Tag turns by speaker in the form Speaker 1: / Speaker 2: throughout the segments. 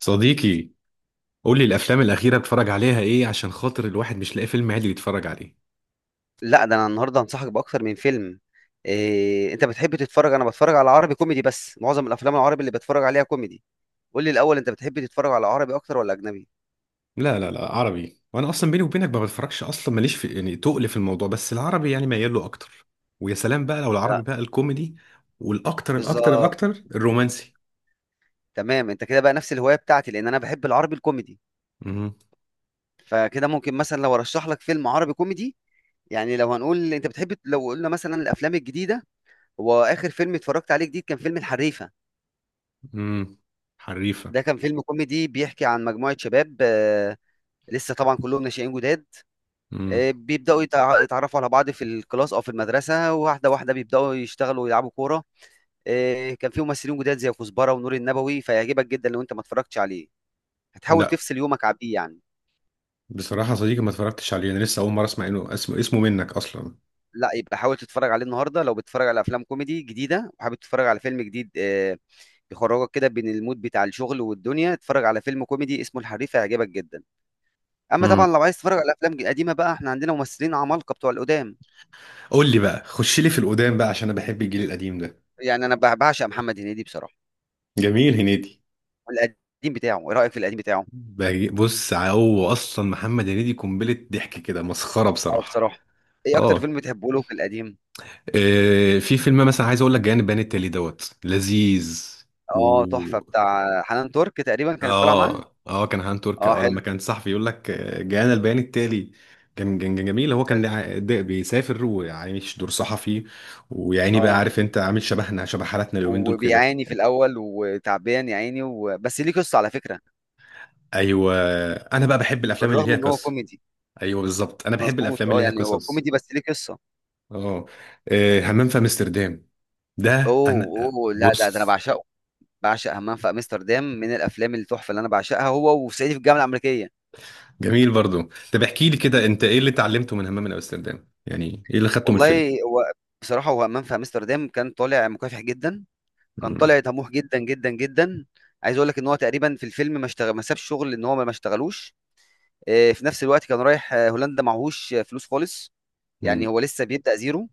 Speaker 1: صديقي، قول لي الافلام الاخيره بتفرج عليها ايه عشان خاطر الواحد مش لاقي فيلم عادي يتفرج عليه.
Speaker 2: لا، ده انا النهارده هنصحك باكتر من فيلم. إيه، انت بتحب تتفرج؟ انا بتفرج على عربي كوميدي، بس معظم الافلام العربي اللي بتفرج عليها كوميدي. قول لي الاول، انت بتحب تتفرج على عربي اكتر ولا اجنبي؟
Speaker 1: لا، لا، لا، عربي، وانا اصلا بيني وبينك ما بتفرجش اصلا ماليش في يعني تقل في الموضوع، بس العربي يعني ميال له اكتر. ويا سلام بقى لو العربي
Speaker 2: لا،
Speaker 1: بقى الكوميدي، والاكتر الاكتر
Speaker 2: بالظبط.
Speaker 1: الاكتر الرومانسي.
Speaker 2: تمام، انت كده بقى نفس الهوايه بتاعتي، لان انا بحب العربي الكوميدي.
Speaker 1: امم
Speaker 2: فكده ممكن مثلا لو ارشح لك فيلم عربي كوميدي. يعني لو هنقول انت بتحب، لو قلنا مثلا الافلام الجديده، هو اخر فيلم اتفرجت عليه جديد كان فيلم الحريفه.
Speaker 1: امم حريفه.
Speaker 2: ده كان فيلم كوميدي بيحكي عن مجموعه شباب، لسه طبعا كلهم ناشئين جداد.
Speaker 1: امم
Speaker 2: بيبداوا يتعرفوا على بعض في الكلاس او في المدرسه، واحده واحده بيبداوا يشتغلوا ويلعبوا كوره. كان في ممثلين جداد زي كزبره ونور النبوي، فيعجبك جدا لو انت ما اتفرجتش عليه. هتحاول
Speaker 1: لا،
Speaker 2: تفصل يومك عن بيه يعني.
Speaker 1: بصراحه صديقي ما اتفرجتش عليه، انا لسه اول مره اسمع انه اسمه منك اصلا.
Speaker 2: لا، يبقى حاول تتفرج عليه النهارده. لو بتتفرج على افلام كوميدي جديده وحابب تتفرج على فيلم جديد يخرجك كده بين المود بتاع الشغل والدنيا، اتفرج على فيلم كوميدي اسمه الحريف، هيعجبك جدا. اما طبعا
Speaker 1: امم
Speaker 2: لو عايز تتفرج على افلام قديمه، بقى احنا عندنا ممثلين عمالقه بتوع القدام.
Speaker 1: قول لي بقى، خش لي في القدام بقى عشان انا بحب الجيل القديم ده.
Speaker 2: يعني انا بعشق محمد هنيدي بصراحه.
Speaker 1: جميل هنيدي.
Speaker 2: القديم بتاعه، ايه رايك في القديم بتاعه؟
Speaker 1: بص، هو اصلا محمد هنيدي قنبله ضحك كده، مسخره
Speaker 2: آه،
Speaker 1: بصراحه.
Speaker 2: بصراحة. إيه أكتر
Speaker 1: اه،
Speaker 2: فيلم بتحبه له في القديم؟
Speaker 1: في فيلم مثلا عايز اقول لك جانب بيان التالي دوت لذيذ
Speaker 2: آه، تحفة،
Speaker 1: و
Speaker 2: بتاع حنان ترك تقريبا كانت طالعة معاه.
Speaker 1: اه، اه، كان هان ترك،
Speaker 2: آه،
Speaker 1: اه لما
Speaker 2: حلو.
Speaker 1: كان صحفي يقول لك جانا البيان التالي. كان جميل، هو كان
Speaker 2: حلو.
Speaker 1: بيسافر وعايش دور صحفي. ويعني بقى
Speaker 2: آه،
Speaker 1: عارف انت، عامل شبهنا شبه حالاتنا اليومين دول كده.
Speaker 2: وبيعاني في الأول وتعبان يا عيني و... بس ليه قصة على فكرة.
Speaker 1: ايوه، انا بقى بحب الافلام اللي
Speaker 2: بالرغم
Speaker 1: ليها
Speaker 2: إن هو
Speaker 1: قصه.
Speaker 2: كوميدي.
Speaker 1: ايوه بالظبط، انا بحب
Speaker 2: مظبوط،
Speaker 1: الافلام اللي
Speaker 2: آه،
Speaker 1: ليها
Speaker 2: يعني هو
Speaker 1: قصص.
Speaker 2: كوميدي بس ليه قصة.
Speaker 1: اه، همام في امستردام. ده انا
Speaker 2: أوه، أوه، لا ده، ده أنا
Speaker 1: بص.
Speaker 2: بعشقه. بعشق همام في أمستردام، من الأفلام التحفة اللي أنا بعشقها، هو وصعيدي في الجامعة الأمريكية.
Speaker 1: جميل برضو. طب احكي لي كده، انت ايه اللي اتعلمته من همام من امستردام، يعني ايه اللي خدته من الفيلم؟
Speaker 2: والله هو، بصراحة، هو همام في أمستردام كان طالع مكافح جدا. كان طالع
Speaker 1: مم.
Speaker 2: طموح جدا جدا جدا. عايز اقول لك ان هو تقريبا في الفيلم ما اشتغل، ما سابش شغل ان هو ما اشتغلوش. في نفس الوقت كان رايح هولندا، معهوش فلوس خالص. يعني
Speaker 1: مم.
Speaker 2: هو لسه بيبدأ زيرو.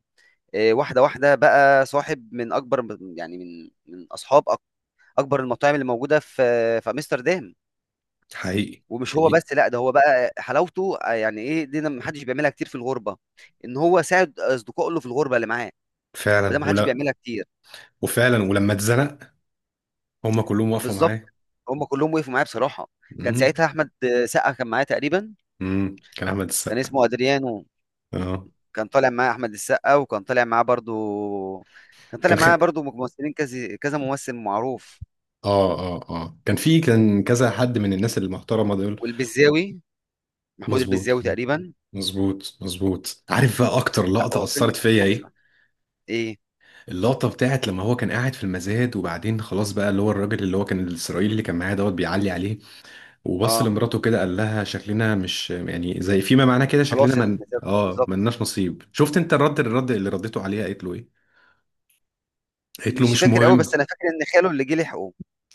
Speaker 2: واحده واحده بقى صاحب من اكبر، يعني من اصحاب اكبر المطاعم اللي موجوده في في امستردام.
Speaker 1: حقيقي
Speaker 2: ومش هو
Speaker 1: حقيقي.
Speaker 2: بس، لا ده هو بقى حلاوته يعني ايه دي ما حدش بيعملها كتير في الغربه، ان هو ساعد اصدقائه اللي في الغربه اللي معاه. وده
Speaker 1: فعلا
Speaker 2: ما حدش
Speaker 1: ولا.
Speaker 2: بيعملها كتير.
Speaker 1: وفعلا ولما اتزنق هم كلهم وقفوا
Speaker 2: بالظبط.
Speaker 1: معاه.
Speaker 2: هم كلهم وقفوا معايا بصراحه. كان
Speaker 1: مم.
Speaker 2: ساعتها احمد سقا كان معايا تقريبا.
Speaker 1: مم. كان احمد
Speaker 2: كان
Speaker 1: السقا.
Speaker 2: اسمه ادريانو.
Speaker 1: اه.
Speaker 2: كان طالع معايا احمد السقا، وكان طالع معاه برضو. كان طالع
Speaker 1: كان خ...
Speaker 2: معايا برضو ممثلين كذا كذا ممثل معروف.
Speaker 1: اه، اه، اه، كان كذا حد من الناس المحترمه دول.
Speaker 2: والبزاوي، محمود
Speaker 1: مظبوط.
Speaker 2: البزاوي تقريبا.
Speaker 1: مظبوط، مظبوط، عارف بقى اكتر
Speaker 2: لا،
Speaker 1: لقطه
Speaker 2: هو فيلم
Speaker 1: اثرت
Speaker 2: كان
Speaker 1: فيا ايه؟
Speaker 2: تحفه. ايه؟
Speaker 1: اللقطة بتاعت لما هو كان قاعد في المزاد، وبعدين خلاص بقى اللي هو الراجل اللي هو كان الإسرائيلي اللي كان معاه دوت بيعلي عليه، وبص
Speaker 2: اه،
Speaker 1: لمراته كده قال لها شكلنا مش يعني زي فيما معناه كده، شكلنا
Speaker 2: خلاص ال-
Speaker 1: من
Speaker 2: بالظبط.
Speaker 1: ملناش نصيب. شفت انت الرد اللي ردته عليها قالت له ايه؟ قالت له
Speaker 2: مش
Speaker 1: مش
Speaker 2: فاكر قوي، بس
Speaker 1: مهم.
Speaker 2: انا فاكر ان خاله اللي جه لحقه.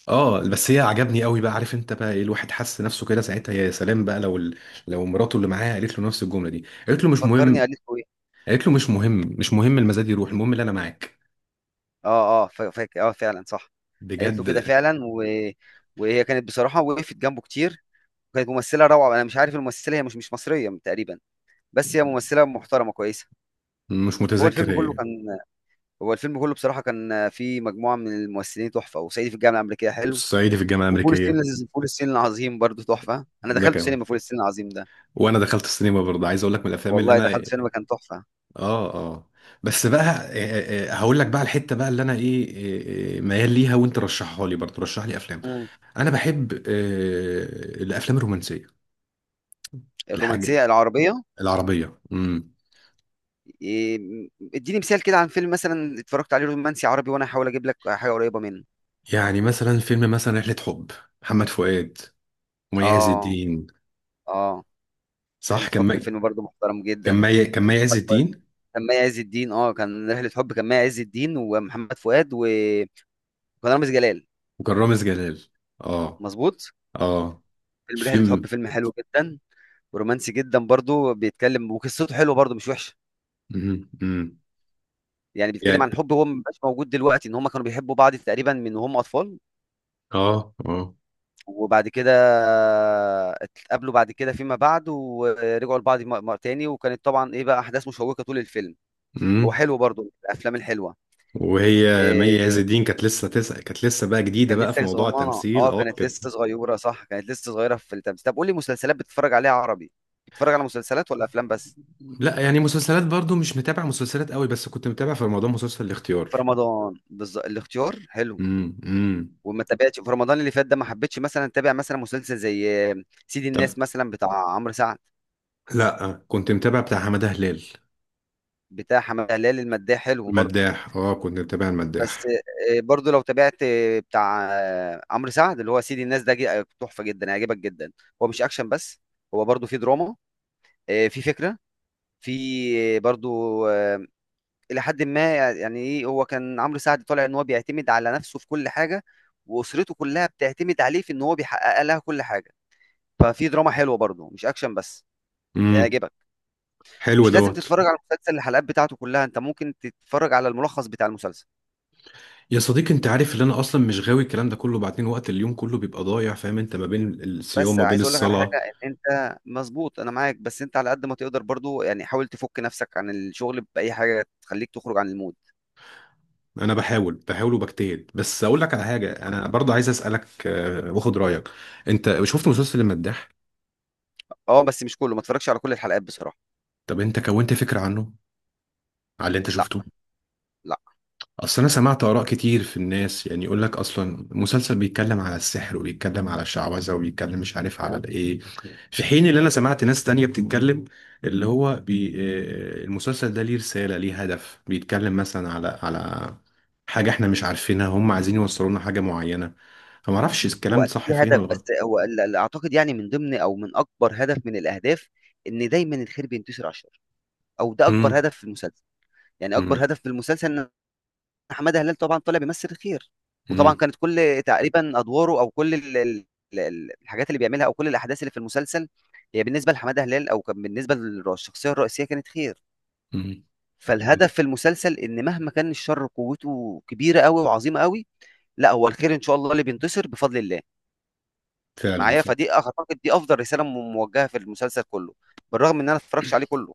Speaker 1: اه، بس هي عجبني قوي، بقى عارف انت بقى ايه الواحد حس نفسه كده ساعتها. يا سلام بقى لو لو مراته اللي معاها قالت له نفس الجملة دي، قالت له مش
Speaker 2: فكرني،
Speaker 1: مهم.
Speaker 2: قالت له ايه؟
Speaker 1: قالت له مش مهم، مش مهم، المزاد يروح، المهم اللي انا معاك.
Speaker 2: اه اه، فاكر، اه فعلا صح. قالت له كده
Speaker 1: بجد.
Speaker 2: فعلا و... وهي كانت بصراحه وقفت جنبه كتير. كانت ممثلة روعة. أنا مش عارف الممثلة، هي مش مصرية تقريبا. بس هي ممثلة محترمة كويسة.
Speaker 1: مش
Speaker 2: هو
Speaker 1: متذكر
Speaker 2: الفيلم كله
Speaker 1: ايه.
Speaker 2: كان هو الفيلم كله بصراحة كان فيه مجموعة من الممثلين تحفة. وصعيدي في الجامعة الأمريكية حلو.
Speaker 1: الصعيدي في الجامعة الأمريكية.
Speaker 2: فول الصين العظيم برضه تحفة. أنا
Speaker 1: ده
Speaker 2: دخلت
Speaker 1: كمان.
Speaker 2: سينما فول الصين العظيم ده.
Speaker 1: وانا دخلت السينما برضه، عايز اقول لك من الافلام اللي
Speaker 2: والله
Speaker 1: انا،
Speaker 2: دخلت سينما كان تحفة.
Speaker 1: اه، اه، بس بقى هقول لك بقى الحته بقى اللي انا ايه، ميال ليها، وانت رشحها لي برضه رشح لي افلام.
Speaker 2: مم.
Speaker 1: انا بحب الافلام الرومانسيه.
Speaker 2: الرومانسية
Speaker 1: الحاجه
Speaker 2: العربية.
Speaker 1: العربيه.
Speaker 2: إيه، اديني مثال كده عن فيلم مثلا اتفرجت عليه رومانسي عربي، وأنا هحاول أجيب لك حاجة قريبة منه.
Speaker 1: يعني مثلا فيلم مثلا رحله حب، محمد فؤاد ومي عز
Speaker 2: آه.
Speaker 1: الدين.
Speaker 2: آه.
Speaker 1: صح
Speaker 2: رحلة حب فيلم برضه محترم
Speaker 1: كان
Speaker 2: جدا.
Speaker 1: مي كان مي عز الدين
Speaker 2: كان مي عز الدين، اه كان رحلة حب، كان مي عز الدين ومحمد فؤاد و... وكان رامز جلال.
Speaker 1: وكان رامز جلال. اه،
Speaker 2: مظبوط.
Speaker 1: اه.
Speaker 2: فيلم رحلة
Speaker 1: الفيلم.
Speaker 2: حب فيلم حلو جدا. ورومانسي جدا برضو، بيتكلم وقصته حلوه برضو مش وحشة.
Speaker 1: امم امم
Speaker 2: يعني بيتكلم
Speaker 1: يعني،
Speaker 2: عن حب هو مبقاش موجود دلوقتي، ان هم كانوا بيحبوا بعض تقريبا من وهم اطفال.
Speaker 1: اه،
Speaker 2: وبعد كده اتقابلوا بعد كده فيما بعد، ورجعوا لبعض تاني، وكانت طبعا ايه بقى احداث مشوقة طول الفيلم.
Speaker 1: اه،
Speaker 2: هو حلو برضو من الافلام الحلوة.
Speaker 1: وهي
Speaker 2: آه،
Speaker 1: مي عز الدين كانت لسه بقى جديده
Speaker 2: كان
Speaker 1: بقى في
Speaker 2: لسه
Speaker 1: موضوع
Speaker 2: صغننه،
Speaker 1: التمثيل،
Speaker 2: اه
Speaker 1: اه
Speaker 2: كانت
Speaker 1: كانت.
Speaker 2: لسه صغيره، صح كانت لسه صغيره في التمثيل. طب قولي مسلسلات بتتفرج عليها عربي؟ بتتفرج على مسلسلات ولا افلام بس؟
Speaker 1: لا، يعني مسلسلات برضو مش متابع مسلسلات قوي، بس كنت متابع في رمضان مسلسل الاختيار.
Speaker 2: في رمضان بالظبط، الاختيار حلو.
Speaker 1: امم امم
Speaker 2: وما تابعتش في رمضان اللي فات ده، ما حبيتش مثلا اتابع مثلا مسلسل زي سيد
Speaker 1: طب،
Speaker 2: الناس مثلا بتاع عمرو سعد.
Speaker 1: لا كنت متابع بتاع حماده هلال،
Speaker 2: بتاع حماده هلال المداح حلو برضه.
Speaker 1: المداح. اه، كنت متابع
Speaker 2: بس
Speaker 1: المداح.
Speaker 2: برضه لو تابعت بتاع عمرو سعد اللي هو سيد الناس ده تحفه جدا هيعجبك جدا. هو مش اكشن بس. هو برضه فيه دراما. فيه فكره. في برضو الى حد ما، يعني ايه، هو كان عمرو سعد طالع ان هو بيعتمد على نفسه في كل حاجه. واسرته كلها بتعتمد عليه في ان هو بيحقق لها كل حاجه. ففي دراما حلوه برضه مش اكشن بس.
Speaker 1: امم
Speaker 2: هيعجبك.
Speaker 1: حلو
Speaker 2: مش لازم
Speaker 1: دوت.
Speaker 2: تتفرج على المسلسل الحلقات بتاعته كلها، انت ممكن تتفرج على الملخص بتاع المسلسل.
Speaker 1: يا صديقي، انت عارف ان انا اصلا مش غاوي الكلام ده كله، بعدين وقت اليوم كله بيبقى ضايع، فاهم انت ما بين الصيام
Speaker 2: بس
Speaker 1: ما بين
Speaker 2: عايز اقول لك على حاجه،
Speaker 1: الصلاه.
Speaker 2: إن انت مظبوط انا معاك، بس انت على قد ما تقدر برضه، يعني حاول تفك نفسك عن الشغل باي حاجه تخليك تخرج عن المود.
Speaker 1: انا بحاول بحاول وبجتهد، بس اقول لك على حاجه، انا برضه عايز اسالك واخد رايك. انت شفت مسلسل المداح؟
Speaker 2: اه، بس مش كله، ما تتفرجش على كل الحلقات بصراحه.
Speaker 1: طب انت كونت فكره عنه على اللي انت
Speaker 2: لا.
Speaker 1: شفته؟
Speaker 2: لا.
Speaker 1: اصل انا سمعت اراء كتير في الناس، يعني يقول لك اصلا مسلسل بيتكلم على السحر وبيتكلم على الشعوذه، وبيتكلم مش عارف
Speaker 2: تمام.
Speaker 1: على ايه. في حين اللي انا سمعت ناس تانية بتتكلم، اللي هو المسلسل ده ليه رساله، ليه هدف، بيتكلم مثلا على حاجه احنا مش عارفينها، هم عايزين يوصلوا لنا حاجه معينه. فما اعرفش
Speaker 2: هو
Speaker 1: الكلام ده
Speaker 2: اكيد
Speaker 1: صح
Speaker 2: له
Speaker 1: فين
Speaker 2: هدف،
Speaker 1: ولا
Speaker 2: بس
Speaker 1: غلط.
Speaker 2: هو اعتقد يعني من ضمن او من اكبر هدف من الاهداف ان دايما الخير بينتصر على الشر. او ده اكبر
Speaker 1: مم.
Speaker 2: هدف في المسلسل. يعني اكبر
Speaker 1: مم.
Speaker 2: هدف في المسلسل ان حماده هلال طبعا طلع بيمثل الخير. وطبعا
Speaker 1: مم.
Speaker 2: كانت كل تقريبا ادواره او كل الحاجات اللي بيعملها او كل الاحداث اللي في المسلسل، هي بالنسبه لحماده هلال، او كان بالنسبه للشخصيه الرئيسيه، كانت خير.
Speaker 1: مم.
Speaker 2: فالهدف في المسلسل ان مهما كان الشر قوته كبيره قوي وعظيمه قوي، لا هو الخير ان شاء الله اللي بينتصر بفضل الله
Speaker 1: فعلا
Speaker 2: معايا. فدي اعتقد دي افضل رساله موجهه في المسلسل كله. بالرغم ان انا ما اتفرجتش عليه كله.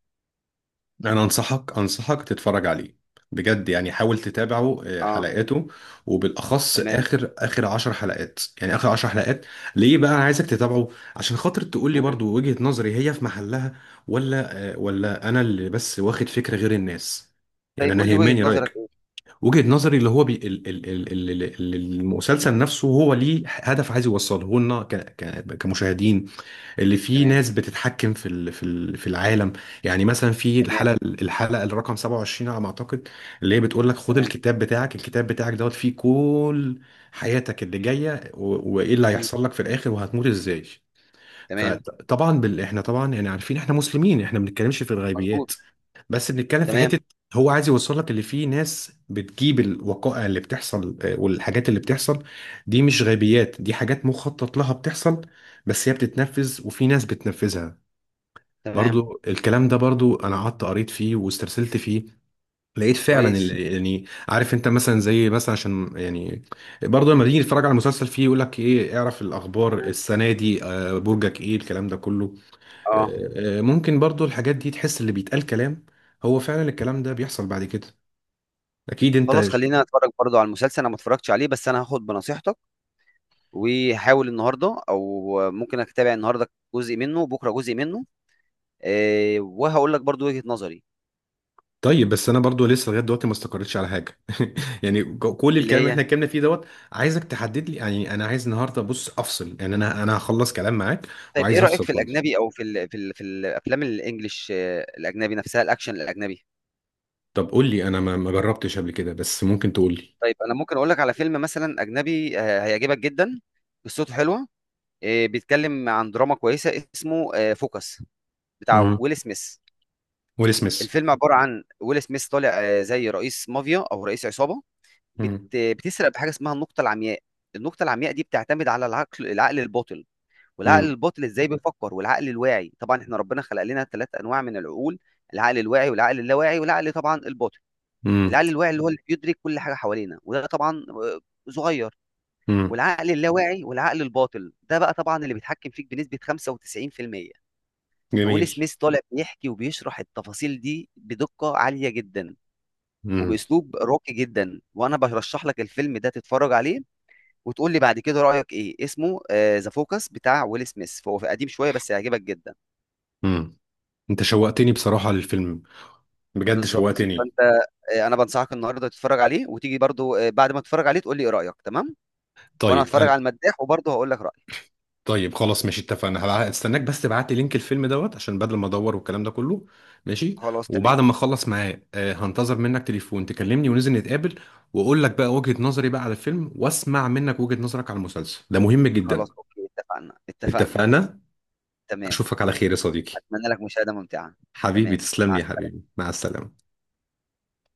Speaker 1: انا انصحك تتفرج عليه بجد، يعني حاول تتابعه
Speaker 2: اه.
Speaker 1: حلقاته، وبالاخص
Speaker 2: تمام.
Speaker 1: اخر اخر 10 حلقات، يعني اخر 10 حلقات. ليه بقى انا عايزك تتابعه؟ عشان خاطر تقول لي
Speaker 2: مم.
Speaker 1: برضو وجهة نظري هي في محلها، ولا ولا انا اللي بس واخد فكرة غير الناس، يعني
Speaker 2: طيب
Speaker 1: انا
Speaker 2: قول لي وجهه
Speaker 1: يهمني
Speaker 2: نظرك
Speaker 1: رايك.
Speaker 2: ايه؟
Speaker 1: وجهة نظري اللي هو بي ال ال ال ال ال- المسلسل نفسه هو ليه هدف عايز يوصله لنا كمشاهدين، اللي فيه
Speaker 2: تمام.
Speaker 1: ناس بتتحكم في العالم. يعني مثلا في
Speaker 2: تمام.
Speaker 1: الحلقه الرقم 27 على ما اعتقد، اللي هي بتقول لك خد
Speaker 2: تمام.
Speaker 1: الكتاب بتاعك، الكتاب بتاعك دوت فيه كل حياتك اللي جايه، وايه اللي
Speaker 2: مم.
Speaker 1: هيحصل لك في الاخر وهتموت ازاي.
Speaker 2: تمام.
Speaker 1: فطبعا احنا طبعا يعني عارفين احنا مسلمين، احنا ما بنتكلمش في
Speaker 2: مظبوط.
Speaker 1: الغيبيات، بس بنتكلم في
Speaker 2: تمام.
Speaker 1: حته. هو عايز يوصل لك اللي فيه ناس بتجيب الوقائع اللي بتحصل والحاجات اللي بتحصل، دي مش غيبيات، دي حاجات مخطط لها بتحصل، بس هي بتتنفذ وفي ناس بتنفذها.
Speaker 2: تمام.
Speaker 1: برضو الكلام ده برضو انا قعدت قريت فيه واسترسلت فيه، لقيت فعلا
Speaker 2: كويس.
Speaker 1: يعني عارف انت مثلا زي مثلا عشان يعني برضه لما تيجي تتفرج على المسلسل، فيه يقول لك ايه اعرف الاخبار
Speaker 2: مم.
Speaker 1: السنه دي برجك ايه الكلام ده كله.
Speaker 2: اه.
Speaker 1: ممكن برضو الحاجات دي تحس اللي بيتقال كلام، هو فعلا الكلام ده بيحصل بعد كده. اكيد انت.
Speaker 2: خلاص، خلينا اتفرج برضو على المسلسل، انا ما اتفرجتش عليه، بس انا هاخد بنصيحتك وهحاول النهارده او ممكن اتابع النهارده جزء منه وبكره جزء منه. آه، وهقول لك برضو وجهه نظري.
Speaker 1: طيب بس انا برضو لسه لغايه دلوقتي ما استقريتش على حاجه يعني كل
Speaker 2: اللي
Speaker 1: الكلام اللي احنا
Speaker 2: هي،
Speaker 1: اتكلمنا فيه دوت عايزك تحدد لي، يعني انا عايز النهارده بص افصل، يعني انا هخلص كلام معاك
Speaker 2: طيب إيه
Speaker 1: وعايز
Speaker 2: رأيك
Speaker 1: افصل
Speaker 2: في
Speaker 1: خالص.
Speaker 2: الأجنبي؟ أو في ال في ال في الأفلام الإنجليش، الأجنبي نفسها، الأكشن الأجنبي.
Speaker 1: طب قول لي، انا ما جربتش قبل كده، بس ممكن تقول لي.
Speaker 2: طيب أنا ممكن أقول لك على فيلم مثلا أجنبي هيعجبك جدا. قصته حلوة. بيتكلم عن دراما كويسة، اسمه فوكس، بتاع
Speaker 1: امم
Speaker 2: ويل سميث.
Speaker 1: ويل سميث.
Speaker 2: الفيلم عبارة عن ويل سميث طالع زي رئيس مافيا أو رئيس عصابة.
Speaker 1: امم
Speaker 2: بتسرق بحاجة اسمها النقطة العمياء. النقطة العمياء دي بتعتمد على العقل، العقل الباطن. والعقل
Speaker 1: امم
Speaker 2: الباطن ازاي بيفكر، والعقل الواعي. طبعا احنا ربنا خلق لنا ثلاث انواع من العقول. العقل الواعي والعقل اللاواعي والعقل طبعا الباطن.
Speaker 1: امم
Speaker 2: العقل الواعي اللي هو اللي بيدرك كل حاجه حوالينا، وده طبعا صغير.
Speaker 1: امم
Speaker 2: والعقل اللاواعي والعقل الباطن ده بقى طبعا اللي بيتحكم فيك بنسبه 95%.
Speaker 1: جميل.
Speaker 2: فويل سميث طالع بيحكي وبيشرح التفاصيل دي بدقه عاليه جدا
Speaker 1: امم
Speaker 2: وباسلوب راقي جدا، وانا برشح لك الفيلم ده تتفرج عليه وتقول لي بعد كده رايك ايه. اسمه ذا فوكس بتاع ويل سميث، فهو قديم شويه بس هيعجبك جدا.
Speaker 1: امم انت شوقتني بصراحه للفيلم، بجد
Speaker 2: بالظبط
Speaker 1: شوقتني.
Speaker 2: فانت، انا بنصحك النهارده تتفرج عليه، وتيجي برضو بعد ما تتفرج عليه تقول لي ايه رايك، تمام؟ وانا
Speaker 1: طيب
Speaker 2: هتفرج
Speaker 1: انا.
Speaker 2: على المداح وبرضو هقول لك رايي.
Speaker 1: طيب خلاص ماشي، اتفقنا، هستناك، بس تبعت لي لينك الفيلم دوت عشان بدل ما ادور والكلام ده كله. ماشي.
Speaker 2: خلاص تمام.
Speaker 1: وبعد ما اخلص معاه هنتظر منك تليفون تكلمني وننزل نتقابل، واقول لك بقى وجهة نظري بقى على الفيلم، واسمع منك وجهة نظرك على المسلسل، ده مهم جدا.
Speaker 2: خلاص، اوكي، اتفقنا اتفقنا.
Speaker 1: اتفقنا.
Speaker 2: تمام.
Speaker 1: اشوفك على خير يا صديقي.
Speaker 2: اتمنى لك مشاهده ممتعه.
Speaker 1: حبيبي
Speaker 2: تمام،
Speaker 1: تسلم لي
Speaker 2: مع
Speaker 1: يا حبيبي، مع السلامة.